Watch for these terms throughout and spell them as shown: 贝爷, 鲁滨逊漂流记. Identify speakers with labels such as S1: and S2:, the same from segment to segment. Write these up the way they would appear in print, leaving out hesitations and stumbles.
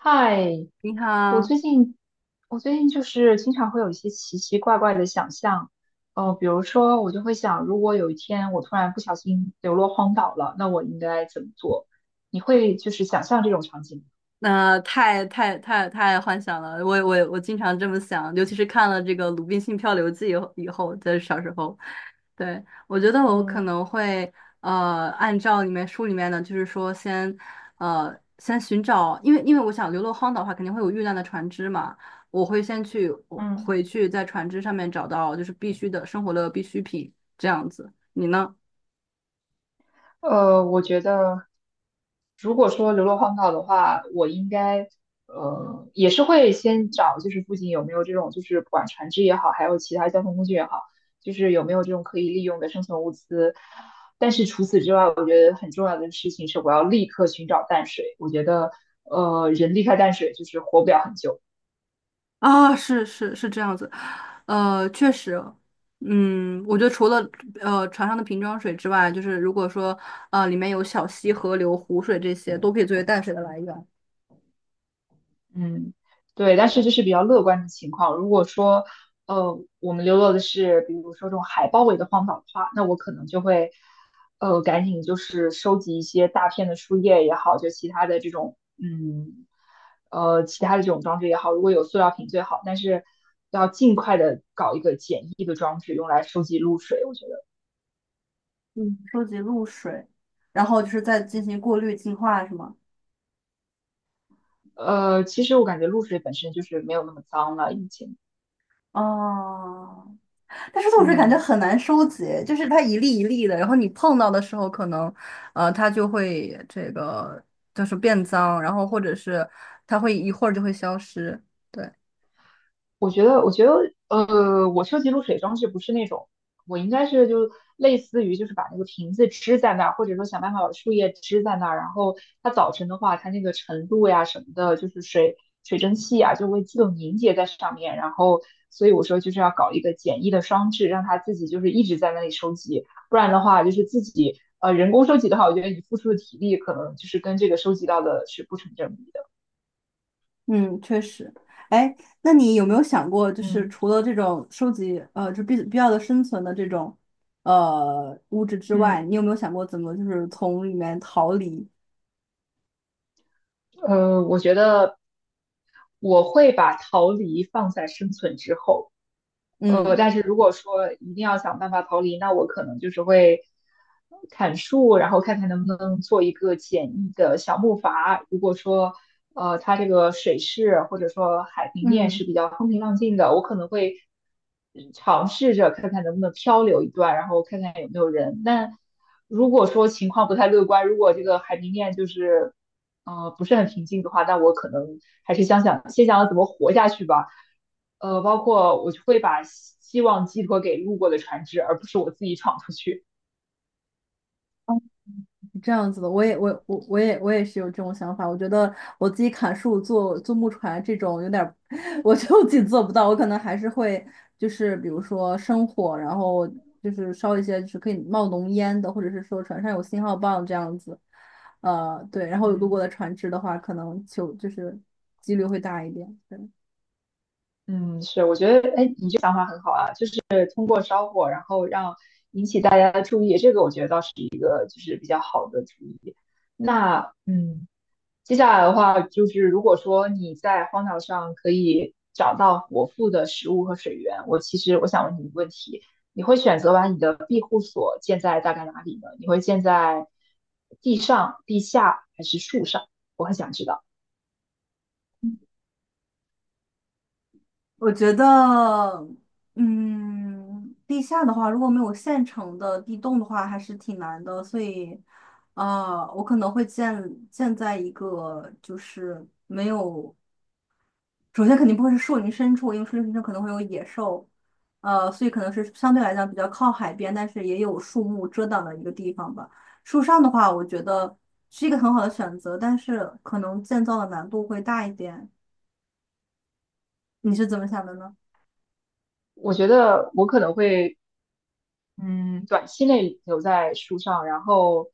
S1: 嗨，
S2: 你
S1: 我
S2: 好。
S1: 最近我最近就是经常会有一些奇奇怪怪的想象，比如说我就会想，如果有一天我突然不小心流落荒岛了，那我应该怎么做？你会就是想象这种场景吗？
S2: 那太幻想了，我经常这么想，尤其是看了这个《鲁滨逊漂流记》以后，以后在小时候。对，我觉得我可
S1: 嗯
S2: 能会按照里面书里面的，就是说先先寻找，因为我想流落荒岛的话，肯定会有遇难的船只嘛。我会先去我
S1: 嗯。
S2: 回去在船只上面找到就是必须的生活的必需品这样子，你呢？
S1: 我觉得，如果说流落荒岛的话，我应该也是会先找，就是附近有没有这种，就是不管船只也好，还有其他交通工具也好，就是有没有这种可以利用的生存物资。但是除此之外，我觉得很重要的事情是，我要立刻寻找淡水。我觉得人离开淡水就是活不了很久。
S2: 啊，是是是这样子，确实。嗯，我觉得除了船上的瓶装水之外，就是如果说里面有小溪、河流、湖水这些，都可以作为淡水的来源。
S1: 嗯，对，但是这是比较乐观的情况。如果说，我们流落的是比如说这种海包围的荒岛的话，那我可能就会，赶紧就是收集一些大片的树叶也好，就其他的这种，嗯，其他的这种装置也好，如果有塑料瓶最好，但是要尽快的搞一个简易的装置用来收集露水。我觉得，
S2: 嗯，收集露水，然后就是再进行过滤、净化，是吗？
S1: 其实我感觉露水本身就是没有那么脏了，已经。
S2: 哦，但是露水感觉
S1: 嗯。
S2: 很难收集，就是它一粒一粒的，然后你碰到的时候，可能它就会这个就是变脏，然后或者是它会一会儿就会消失，对。
S1: 我觉得,我收集露水装置不是那种，我应该是就类似于就是把那个瓶子支在那儿，或者说想办法把树叶支在那儿，然后它早晨的话，它那个晨露呀什么的，就是水蒸气呀就会自动凝结在上面，然后所以我说就是要搞一个简易的装置，让它自己就是一直在那里收集，不然的话就是自己人工收集的话，我觉得你付出的体力可能就是跟这个收集到的是不成正比的。
S2: 嗯，确实。哎，那你有没有想过，就是
S1: 嗯。
S2: 除了这种收集，就必要的生存的这种物质之
S1: 嗯，
S2: 外，你有没有想过怎么就是从里面逃离？
S1: 我觉得我会把逃离放在生存之后，
S2: 嗯。
S1: 但是如果说一定要想办法逃离，那我可能就是会砍树，然后看看能不能做一个简易的小木筏。如果说它这个水势或者说海平面是
S2: 嗯，
S1: 比较风平浪静的，我可能会尝试着看看能不能漂流一段，然后看看有没有人。但如果说情况不太乐观，如果这个海平面就是不是很平静的话，那我可能还是先想想怎么活下去吧。包括我就会把希望寄托给路过的船只，而不是我自己闯出去。
S2: 这样子的，我也我我我也我也是有这种想法。我觉得我自己砍树做木船这种有点儿，我觉得自己做不到。我可能还是会就是比如说生火，然后就是烧一些就是可以冒浓烟的，或者是说船上有信号棒这样子。呃，对，然后如果
S1: 嗯。
S2: 的船只的话，可能就是几率会大一点。对。
S1: 嗯，是，我觉得，哎，你这想法很好啊，就是通过烧火，然后让大家注意，这个我觉得倒是一个就是比较好的主意。那，嗯，接下来的话，就是如果说你在荒岛上可以找到果腹的食物和水源，我其实我想问你一个问题：你会选择把你的庇护所建在大概哪里呢？你会建在地上、地下还是树上？我很想知道。
S2: 我觉得，嗯，地下的话，如果没有现成的地洞的话，还是挺难的。所以，呃，我可能会建在一个就是没有，首先肯定不会是树林深处，因为树林深处可能会有野兽，呃，所以可能是相对来讲比较靠海边，但是也有树木遮挡的一个地方吧。树上的话，我觉得是一个很好的选择，但是可能建造的难度会大一点。你是怎么想的呢？
S1: 我觉得我可能会嗯，短期内留在树上，然后，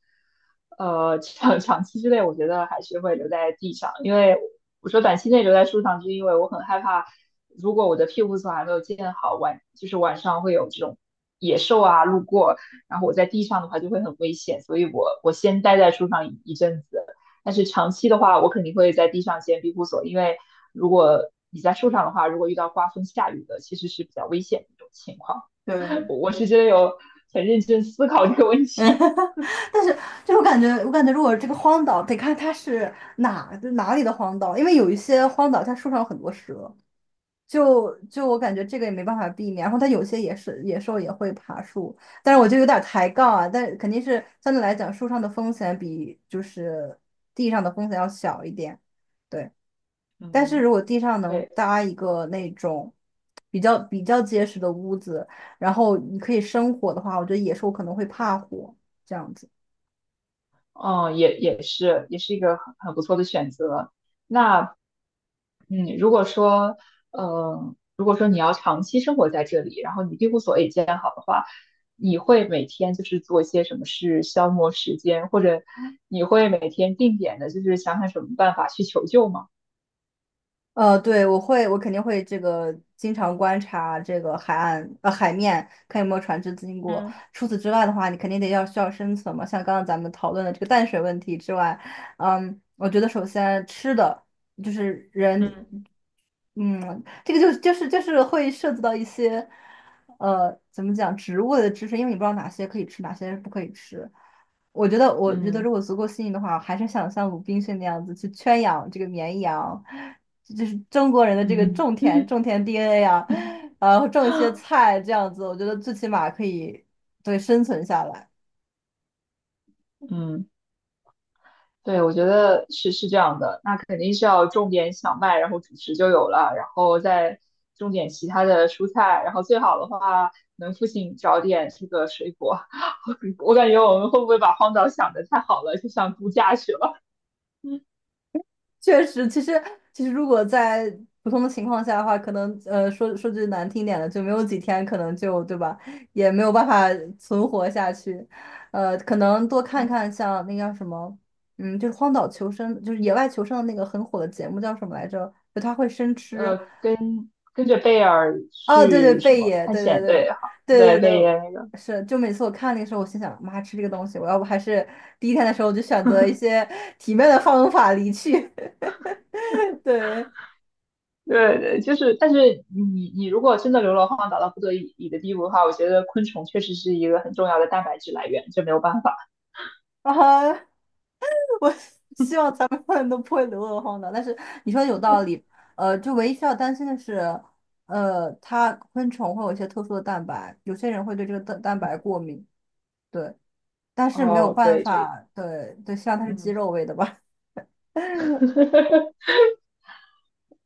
S1: 长期之内，我觉得还是会留在地上。因为我说短期内留在树上，是因为我很害怕，如果我的庇护所还没有建好，晚就是晚上会有这种野兽啊路过，然后我在地上的话就会很危险，所以我先待在树上一阵子。但是长期的话，我肯定会在地上建庇护所，因为如果你在树上的话，如果遇到刮风下雨的，其实是比较危险的一种情况。
S2: 对。
S1: 我是真的有很认真思考这个问
S2: 嗯，
S1: 题。
S2: 但是就是我感觉，我感觉如果这个荒岛得看它是哪里的荒岛，因为有一些荒岛它树上有很多蛇，就我感觉这个也没办法避免。然后它有些也是野兽也会爬树，但是我就有点抬杠啊，但肯定是相对来讲树上的风险比就是地上的风险要小一点，对。但是如
S1: 嗯。
S2: 果地上 能
S1: 对，
S2: 搭一个那种比较结实的屋子，然后你可以生火的话，我觉得野兽可能会怕火。这样子。
S1: 嗯，也是一个很不错的选择。那嗯，如果说如果说你要长期生活在这里，然后你庇护所也建好的话，你会每天就是做一些什么事消磨时间，或者你会每天定点的，就是想想什么办法去求救吗？
S2: 呃，对，我会，我肯定会这个经常观察这个海岸海面，看有没有船只经过。
S1: 嗯。
S2: 除此之外的话，你肯定得要需要生存嘛，像刚刚咱们讨论的这个淡水问题之外，嗯，我觉得首先吃的就是人。
S1: 嗯。
S2: 嗯，这个就是会涉及到一些，呃，怎么讲植物的知识，因为你不知道哪些可以吃，哪些不可以吃。我觉得，我觉得
S1: 嗯。
S2: 如果足够幸运的话，还是想像鲁滨逊那样子去圈养这个绵羊，就是中国人的这个
S1: 嗯。
S2: 种田 DNA 啊。呃，种一些菜这样子，我觉得最起码可以对生存下来。
S1: 嗯。对，我觉得是是这样的，那肯定是要种点小麦，然后主食就有了，然后再种点其他的蔬菜，然后最好的话能附近找点这个水果。我感觉我们会不会把荒岛想得太好了，就想度假去了？嗯。
S2: 确实。其实如果在普通的情况下的话，可能说句难听点的，就没有几天，可能就对吧，也没有办法存活下去。呃，可能多看
S1: 嗯，
S2: 看像那叫什么，嗯，就是荒岛求生，就是野外求生的那个很火的节目叫什么来着？就他会生吃。
S1: 跟跟着贝尔
S2: 哦，对对，
S1: 去什
S2: 贝
S1: 么
S2: 爷，
S1: 探
S2: 对对
S1: 险
S2: 对
S1: 对，好，对，
S2: 对对对，
S1: 贝爷那个，
S2: 是。就每次我看那个时候，我心想，妈，吃这个东西，我要不还是第一天的时候我就选择一些体面的方法离去，对。
S1: 对对，就是，但是你如果真的流落荒岛到不得已的地步的话，我觉得昆虫确实是一个很重要的蛋白质来源，这没有办法。
S2: 啊后。我希望咱们永远都不会流落荒岛。但是你说的有道理，呃，就唯一需要担心的是，呃，它昆虫会有一些特殊的蛋白，有些人会对这个蛋白过敏，对，但是没有
S1: 哦，
S2: 办
S1: 对，这，
S2: 法，对对，希望它是鸡
S1: 嗯，
S2: 肉味的吧。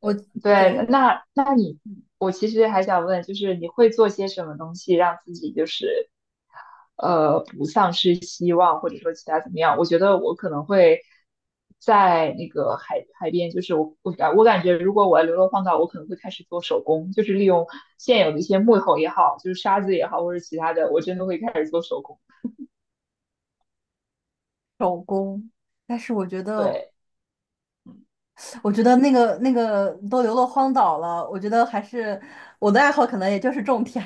S2: 我
S1: 对，
S2: 对
S1: 那那你，我其实还想问，就是你会做些什么东西让自己就是，不丧失希望，或者说其他怎么样？我觉得我可能会在那个海边，就是我感觉，如果我要流落荒岛，我可能会开始做手工，就是利用现有的一些木头也好，就是沙子也好，或者其他的，我真的会开始做手工。
S2: 手工，但是我觉得，
S1: 对，嗯。
S2: 我觉得那个那个都流落荒岛了，我觉得还是我的爱好可能也就是种田。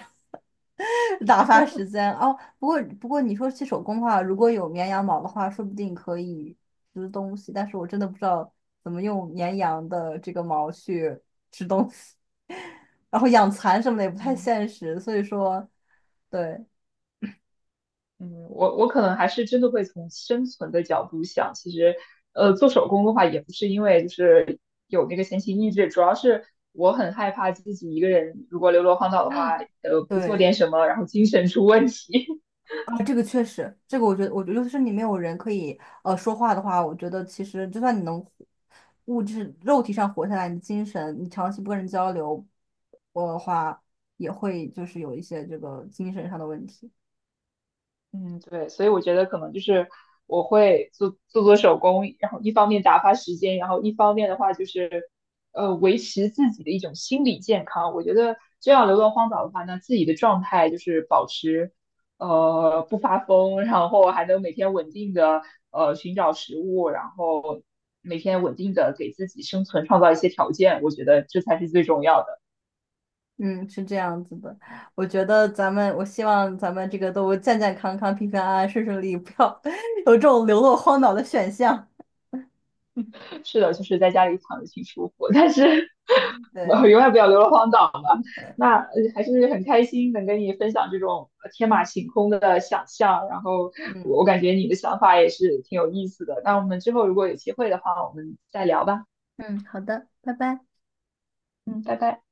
S2: 打发时间哦。不过你说起手工的话，如果有绵羊毛的话，说不定可以织东西。但是我真的不知道怎么用绵羊的这个毛去织东西，然后养蚕什么的也不太
S1: 嗯。
S2: 现实。所以说，对
S1: 嗯，我可能还是真的会从生存的角度想，其实，做手工的话，也不是因为就是有那个闲情逸致，主要是我很害怕自己一个人如果流落荒岛的话，不做点
S2: 对。
S1: 什么，然后精神出问题。
S2: 啊，这个确实，这个我觉得，我觉得就是你没有人可以说话的话，我觉得其实就算你能物质肉体上活下来，你精神你长期不跟人交流我的话，也会就是有一些这个精神上的问题。
S1: 嗯，对，所以我觉得可能就是我会做手工，然后一方面打发时间，然后一方面的话就是，维持自己的一种心理健康。我觉得这样流落荒岛的话那自己的状态就是保持，不发疯，然后还能每天稳定的寻找食物，然后每天稳定的给自己生存创造一些条件。我觉得这才是最重要的。
S2: 嗯，是这样子的，我觉得咱们，我希望咱们这个都健健康康、平平安安、顺顺利利，不要 有这种流落荒岛的选项。
S1: 是的，就是在家里躺着挺舒服，但是
S2: 嗯，
S1: 我
S2: 对。
S1: 永远不要流落荒岛。那还是很开心能跟你分享这种天马行空的想象，然后我
S2: 嗯。
S1: 我感觉你的想法也是挺有意思的。那我们之后如果有机会的话，我们再聊吧。
S2: 嗯，好的，拜拜。
S1: 嗯，拜拜。